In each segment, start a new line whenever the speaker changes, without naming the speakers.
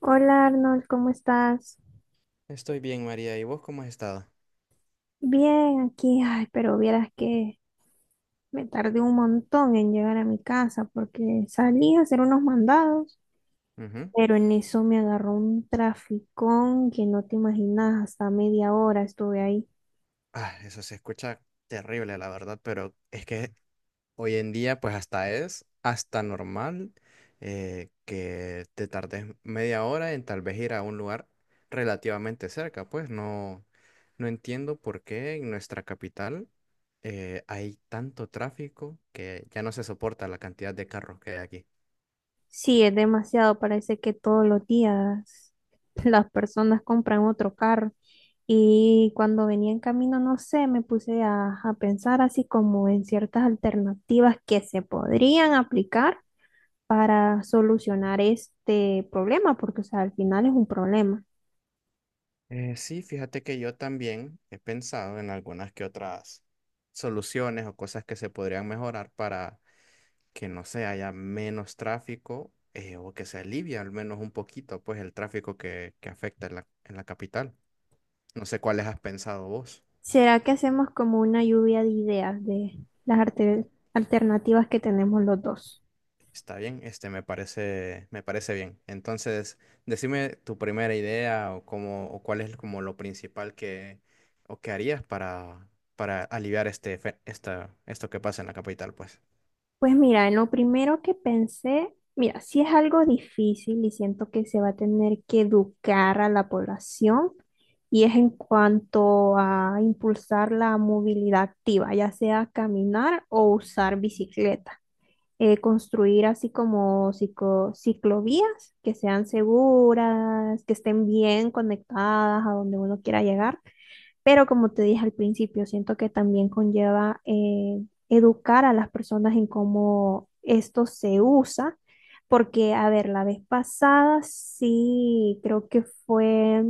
Hola Arnold, ¿cómo estás?
Estoy bien, María. ¿Y vos cómo has estado?
Bien, aquí, ay, pero vieras que me tardé un montón en llegar a mi casa porque salí a hacer unos mandados,
Ujú.
pero en eso me agarró un traficón que no te imaginas, hasta media hora estuve ahí.
Ah, eso se escucha terrible, la verdad, pero es que hoy en día, pues hasta es hasta normal, que te tardes media hora en tal vez ir a un lugar relativamente cerca. Pues no, no entiendo por qué en nuestra capital hay tanto tráfico que ya no se soporta la cantidad de carros que hay aquí.
Sí, es demasiado, parece que todos los días las personas compran otro carro. Y cuando venía en camino, no sé, me puse a pensar así como en ciertas alternativas que se podrían aplicar para solucionar este problema, porque o sea, al final es un problema.
Sí, fíjate que yo también he pensado en algunas que otras soluciones o cosas que se podrían mejorar para que no se haya menos tráfico, o que se alivie al menos un poquito pues el tráfico que afecta en la capital. No sé cuáles has pensado vos.
¿Será que hacemos como una lluvia de ideas de las alternativas que tenemos los dos?
Está bien, me parece bien. Entonces, decime tu primera idea o cómo, o cuál es como lo principal o que harías para aliviar esto que pasa en la capital, pues.
Pues mira, en lo primero que pensé, mira, si es algo difícil y siento que se va a tener que educar a la población y es en cuanto a impulsar la movilidad activa, ya sea caminar o usar bicicleta. Construir así como ciclovías que sean seguras, que estén bien conectadas a donde uno quiera llegar. Pero como te dije al principio, siento que también conlleva educar a las personas en cómo esto se usa, porque, a ver, la vez pasada sí creo que fue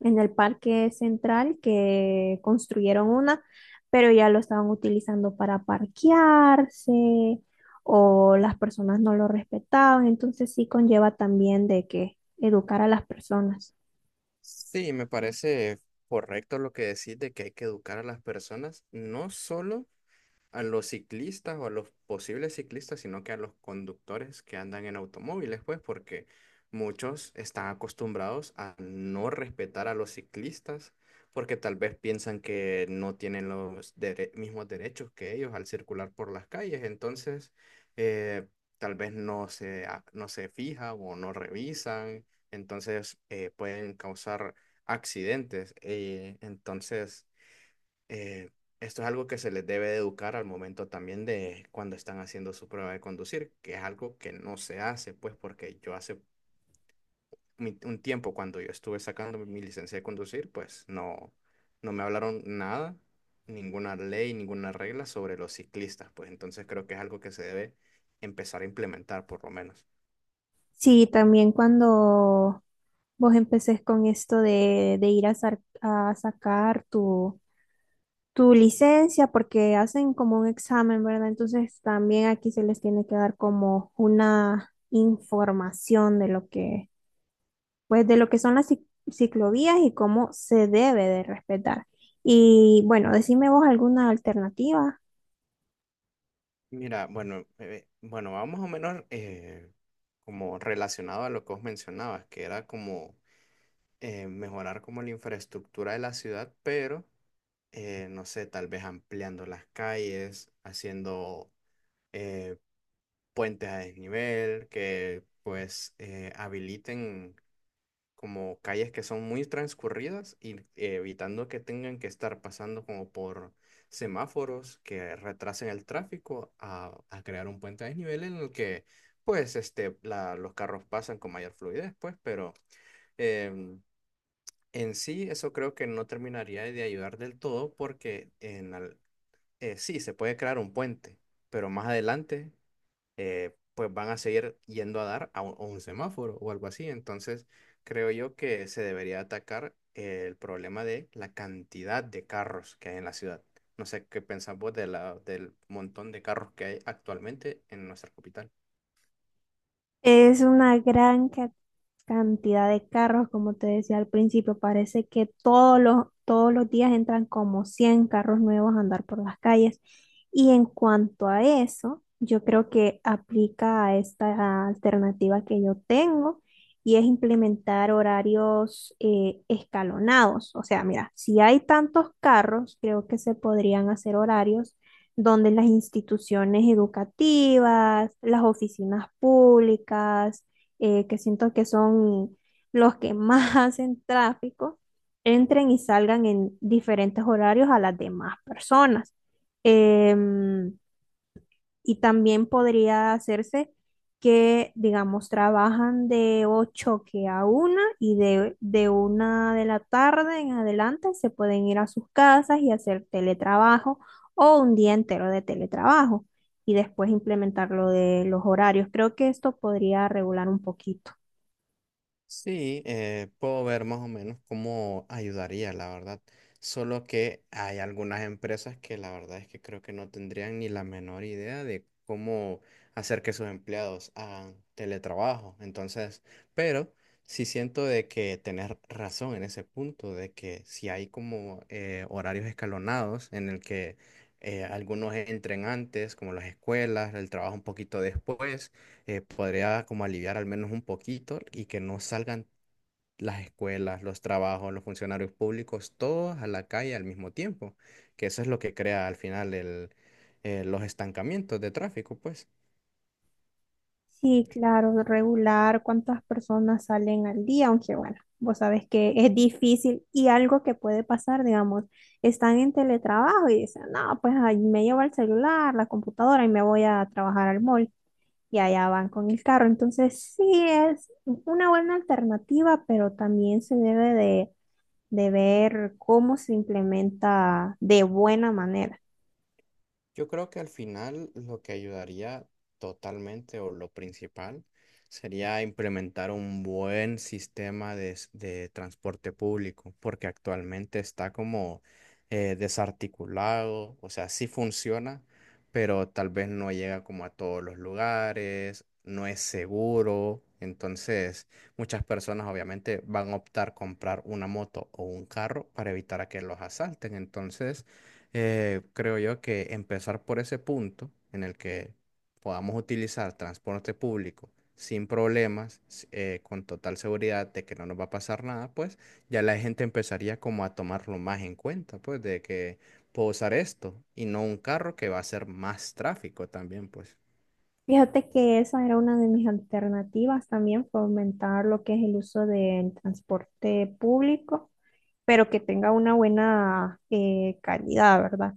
en el parque central que construyeron una, pero ya lo estaban utilizando para parquearse o las personas no lo respetaban, entonces sí conlleva también de que educar a las personas.
Sí, me parece correcto lo que decís de que hay que educar a las personas, no solo a los ciclistas o a los posibles ciclistas, sino que a los conductores que andan en automóviles, pues, porque muchos están acostumbrados a no respetar a los ciclistas, porque tal vez piensan que no tienen los mismos derechos que ellos al circular por las calles, entonces eh, tal vez no se fijan o no revisan, entonces pueden causar accidentes. Entonces, eh, esto es algo que se les debe de educar al momento también de cuando están haciendo su prueba de conducir, que es algo que no se hace, pues porque yo hace un tiempo cuando yo estuve sacando mi licencia de conducir, pues no, no me hablaron nada, ninguna ley, ninguna regla sobre los ciclistas, pues entonces creo que es algo que se debe empezar a implementar por lo menos.
Sí, también cuando vos empecés con esto de ir a, a sacar tu, licencia, porque hacen como un examen, ¿verdad? Entonces también aquí se les tiene que dar como una información de lo que pues de lo que son las ciclovías y cómo se debe de respetar. Y bueno, decime vos alguna alternativa.
Mira, bueno, bueno, va más o menos como relacionado a lo que vos mencionabas, que era como mejorar como la infraestructura de la ciudad, pero no sé, tal vez ampliando las calles, haciendo eh, puentes a desnivel, que pues habiliten como calles que son muy transcurridas y evitando que tengan que estar pasando como por semáforos que retrasen el tráfico a crear un puente a desnivel en el que pues los carros pasan con mayor fluidez, pues, pero em, en sí, eso creo que no terminaría de ayudar del todo porque sí, se puede crear un puente, pero más adelante pues van a seguir yendo a dar a un semáforo o algo así. Entonces, creo yo que se debería atacar el problema de la cantidad de carros que hay en la ciudad. No sé qué pensás vos de del montón de carros que hay actualmente en nuestra capital.
Es una gran cantidad de carros, como te decía al principio. Parece que todos los días entran como 100 carros nuevos a andar por las calles. Y en cuanto a eso, yo creo que aplica a esta alternativa que yo tengo y es implementar horarios escalonados. O sea, mira, si hay tantos carros, creo que se podrían hacer horarios donde las instituciones educativas, las oficinas públicas, que siento que son los que más hacen tráfico, entren y salgan en diferentes horarios a las demás personas. Em, y también podría hacerse que, digamos, trabajan de 8 que a 1 y de 1 de la tarde en adelante se pueden ir a sus casas y hacer teletrabajo o un día entero de teletrabajo y después implementar lo de los horarios. Creo que esto podría regular un poquito.
Sí, puedo ver más o menos cómo ayudaría, la verdad. Solo que hay algunas empresas que la verdad es que creo que no tendrían ni la menor idea de cómo hacer que sus empleados hagan teletrabajo. Entonces, pero sí siento de que tenés razón en ese punto, de que si hay como horarios escalonados en el que algunos entren antes, como las escuelas, el trabajo un poquito después podría como aliviar al menos un poquito y que no salgan las escuelas, los trabajos, los funcionarios públicos, todos a la calle al mismo tiempo, que eso es lo que crea al final los estancamientos de tráfico, pues.
Sí, claro, regular cuántas personas salen al día, aunque bueno, vos sabés que es difícil y algo que puede pasar, digamos, están en teletrabajo y dicen, no, pues ahí me llevo el celular, la computadora y me voy a trabajar al mall y allá van con el carro. Entonces, sí es una buena alternativa, pero también se debe de ver cómo se implementa de buena manera.
Yo creo que al final lo que ayudaría totalmente o lo principal sería implementar un buen sistema de transporte público, porque actualmente está como desarticulado, o sea, sí funciona, pero tal vez no llega como a todos los lugares, no es seguro, entonces muchas personas obviamente van a optar comprar una moto o un carro para evitar a que los asalten, entonces creo yo que empezar por ese punto en el que podamos utilizar transporte público sin problemas, con total seguridad de que no nos va a pasar nada, pues ya la gente empezaría como a tomarlo más en cuenta, pues de que puedo usar esto y no un carro que va a ser más tráfico también, pues.
Fíjate que esa era una de mis alternativas también, fomentar lo que es el uso del transporte público, pero que tenga una buena calidad, ¿verdad?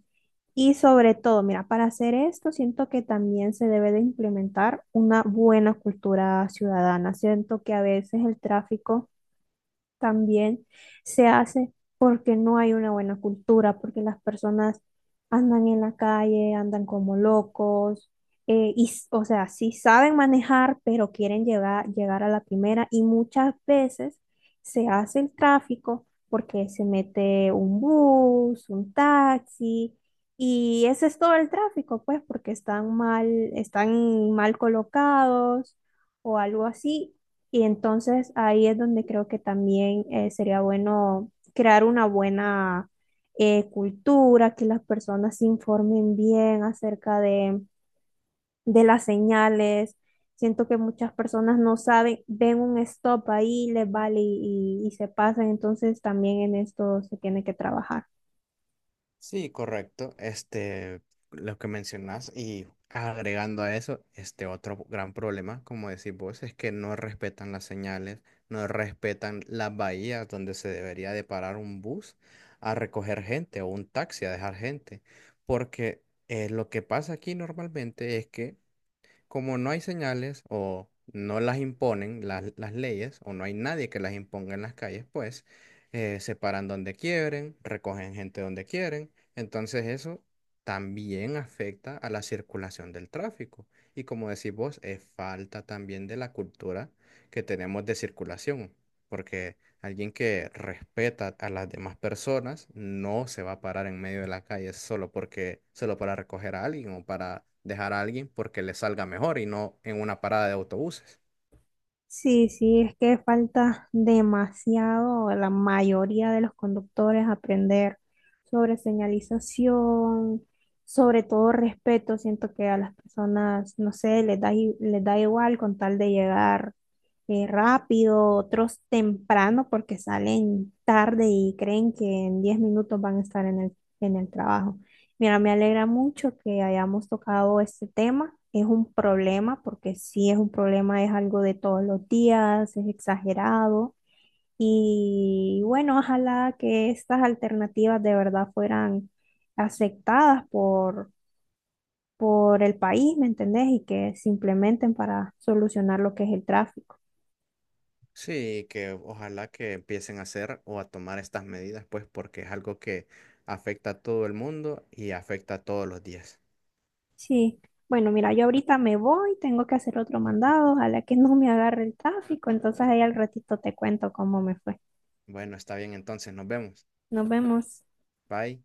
Y sobre todo, mira, para hacer esto, siento que también se debe de implementar una buena cultura ciudadana. Siento que a veces el tráfico también se hace porque no hay una buena cultura, porque las personas andan en la calle, andan como locos, y, o sea, sí saben manejar, pero quieren llegar a la primera y muchas veces se hace el tráfico porque se mete un bus, un taxi. Y ese es todo el tráfico, pues, porque están mal colocados o algo así. Y entonces ahí es donde creo que también sería bueno crear una buena cultura, que las personas se informen bien acerca de las señales. Siento que muchas personas no saben, ven un stop ahí, les vale y se pasan, entonces también en esto se tiene que trabajar.
Sí, correcto. Lo que mencionas y agregando a eso, este otro gran problema, como decís vos, es que no respetan las señales, no respetan las bahías donde se debería de parar un bus a recoger gente o un taxi a dejar gente, porque lo que pasa aquí normalmente es que como no hay señales o no las imponen las leyes o no hay nadie que las imponga en las calles, pues se paran donde quieren, recogen gente donde quieren. Entonces eso también afecta a la circulación del tráfico. Y como decís vos, es falta también de la cultura que tenemos de circulación, porque alguien que respeta a las demás personas no se va a parar en medio de la calle solo porque, solo para recoger a alguien o para dejar a alguien porque le salga mejor y no en una parada de autobuses.
Sí, sí, es que falta demasiado a la mayoría de los conductores aprender sobre señalización, sobre todo respeto. Siento que a las personas, no sé, les da igual con tal de llegar rápido, otros temprano porque salen tarde y creen que en 10 minutos van a estar en el, trabajo. Mira, me alegra mucho que hayamos tocado este tema. Es un problema porque sí es un problema, es algo de todos los días, es exagerado. Y bueno, ojalá que estas alternativas de verdad fueran aceptadas por el país, ¿me entendés? Y que se implementen para solucionar lo que es el tráfico.
Sí, que ojalá que empiecen a hacer o a tomar estas medidas, pues porque es algo que afecta a todo el mundo y afecta a todos los días.
Sí, bueno, mira, yo ahorita me voy, tengo que hacer otro mandado, ojalá que no me agarre el tráfico, entonces ahí al ratito te cuento cómo me fue.
Bueno, está bien entonces, nos vemos.
Nos vemos.
Bye.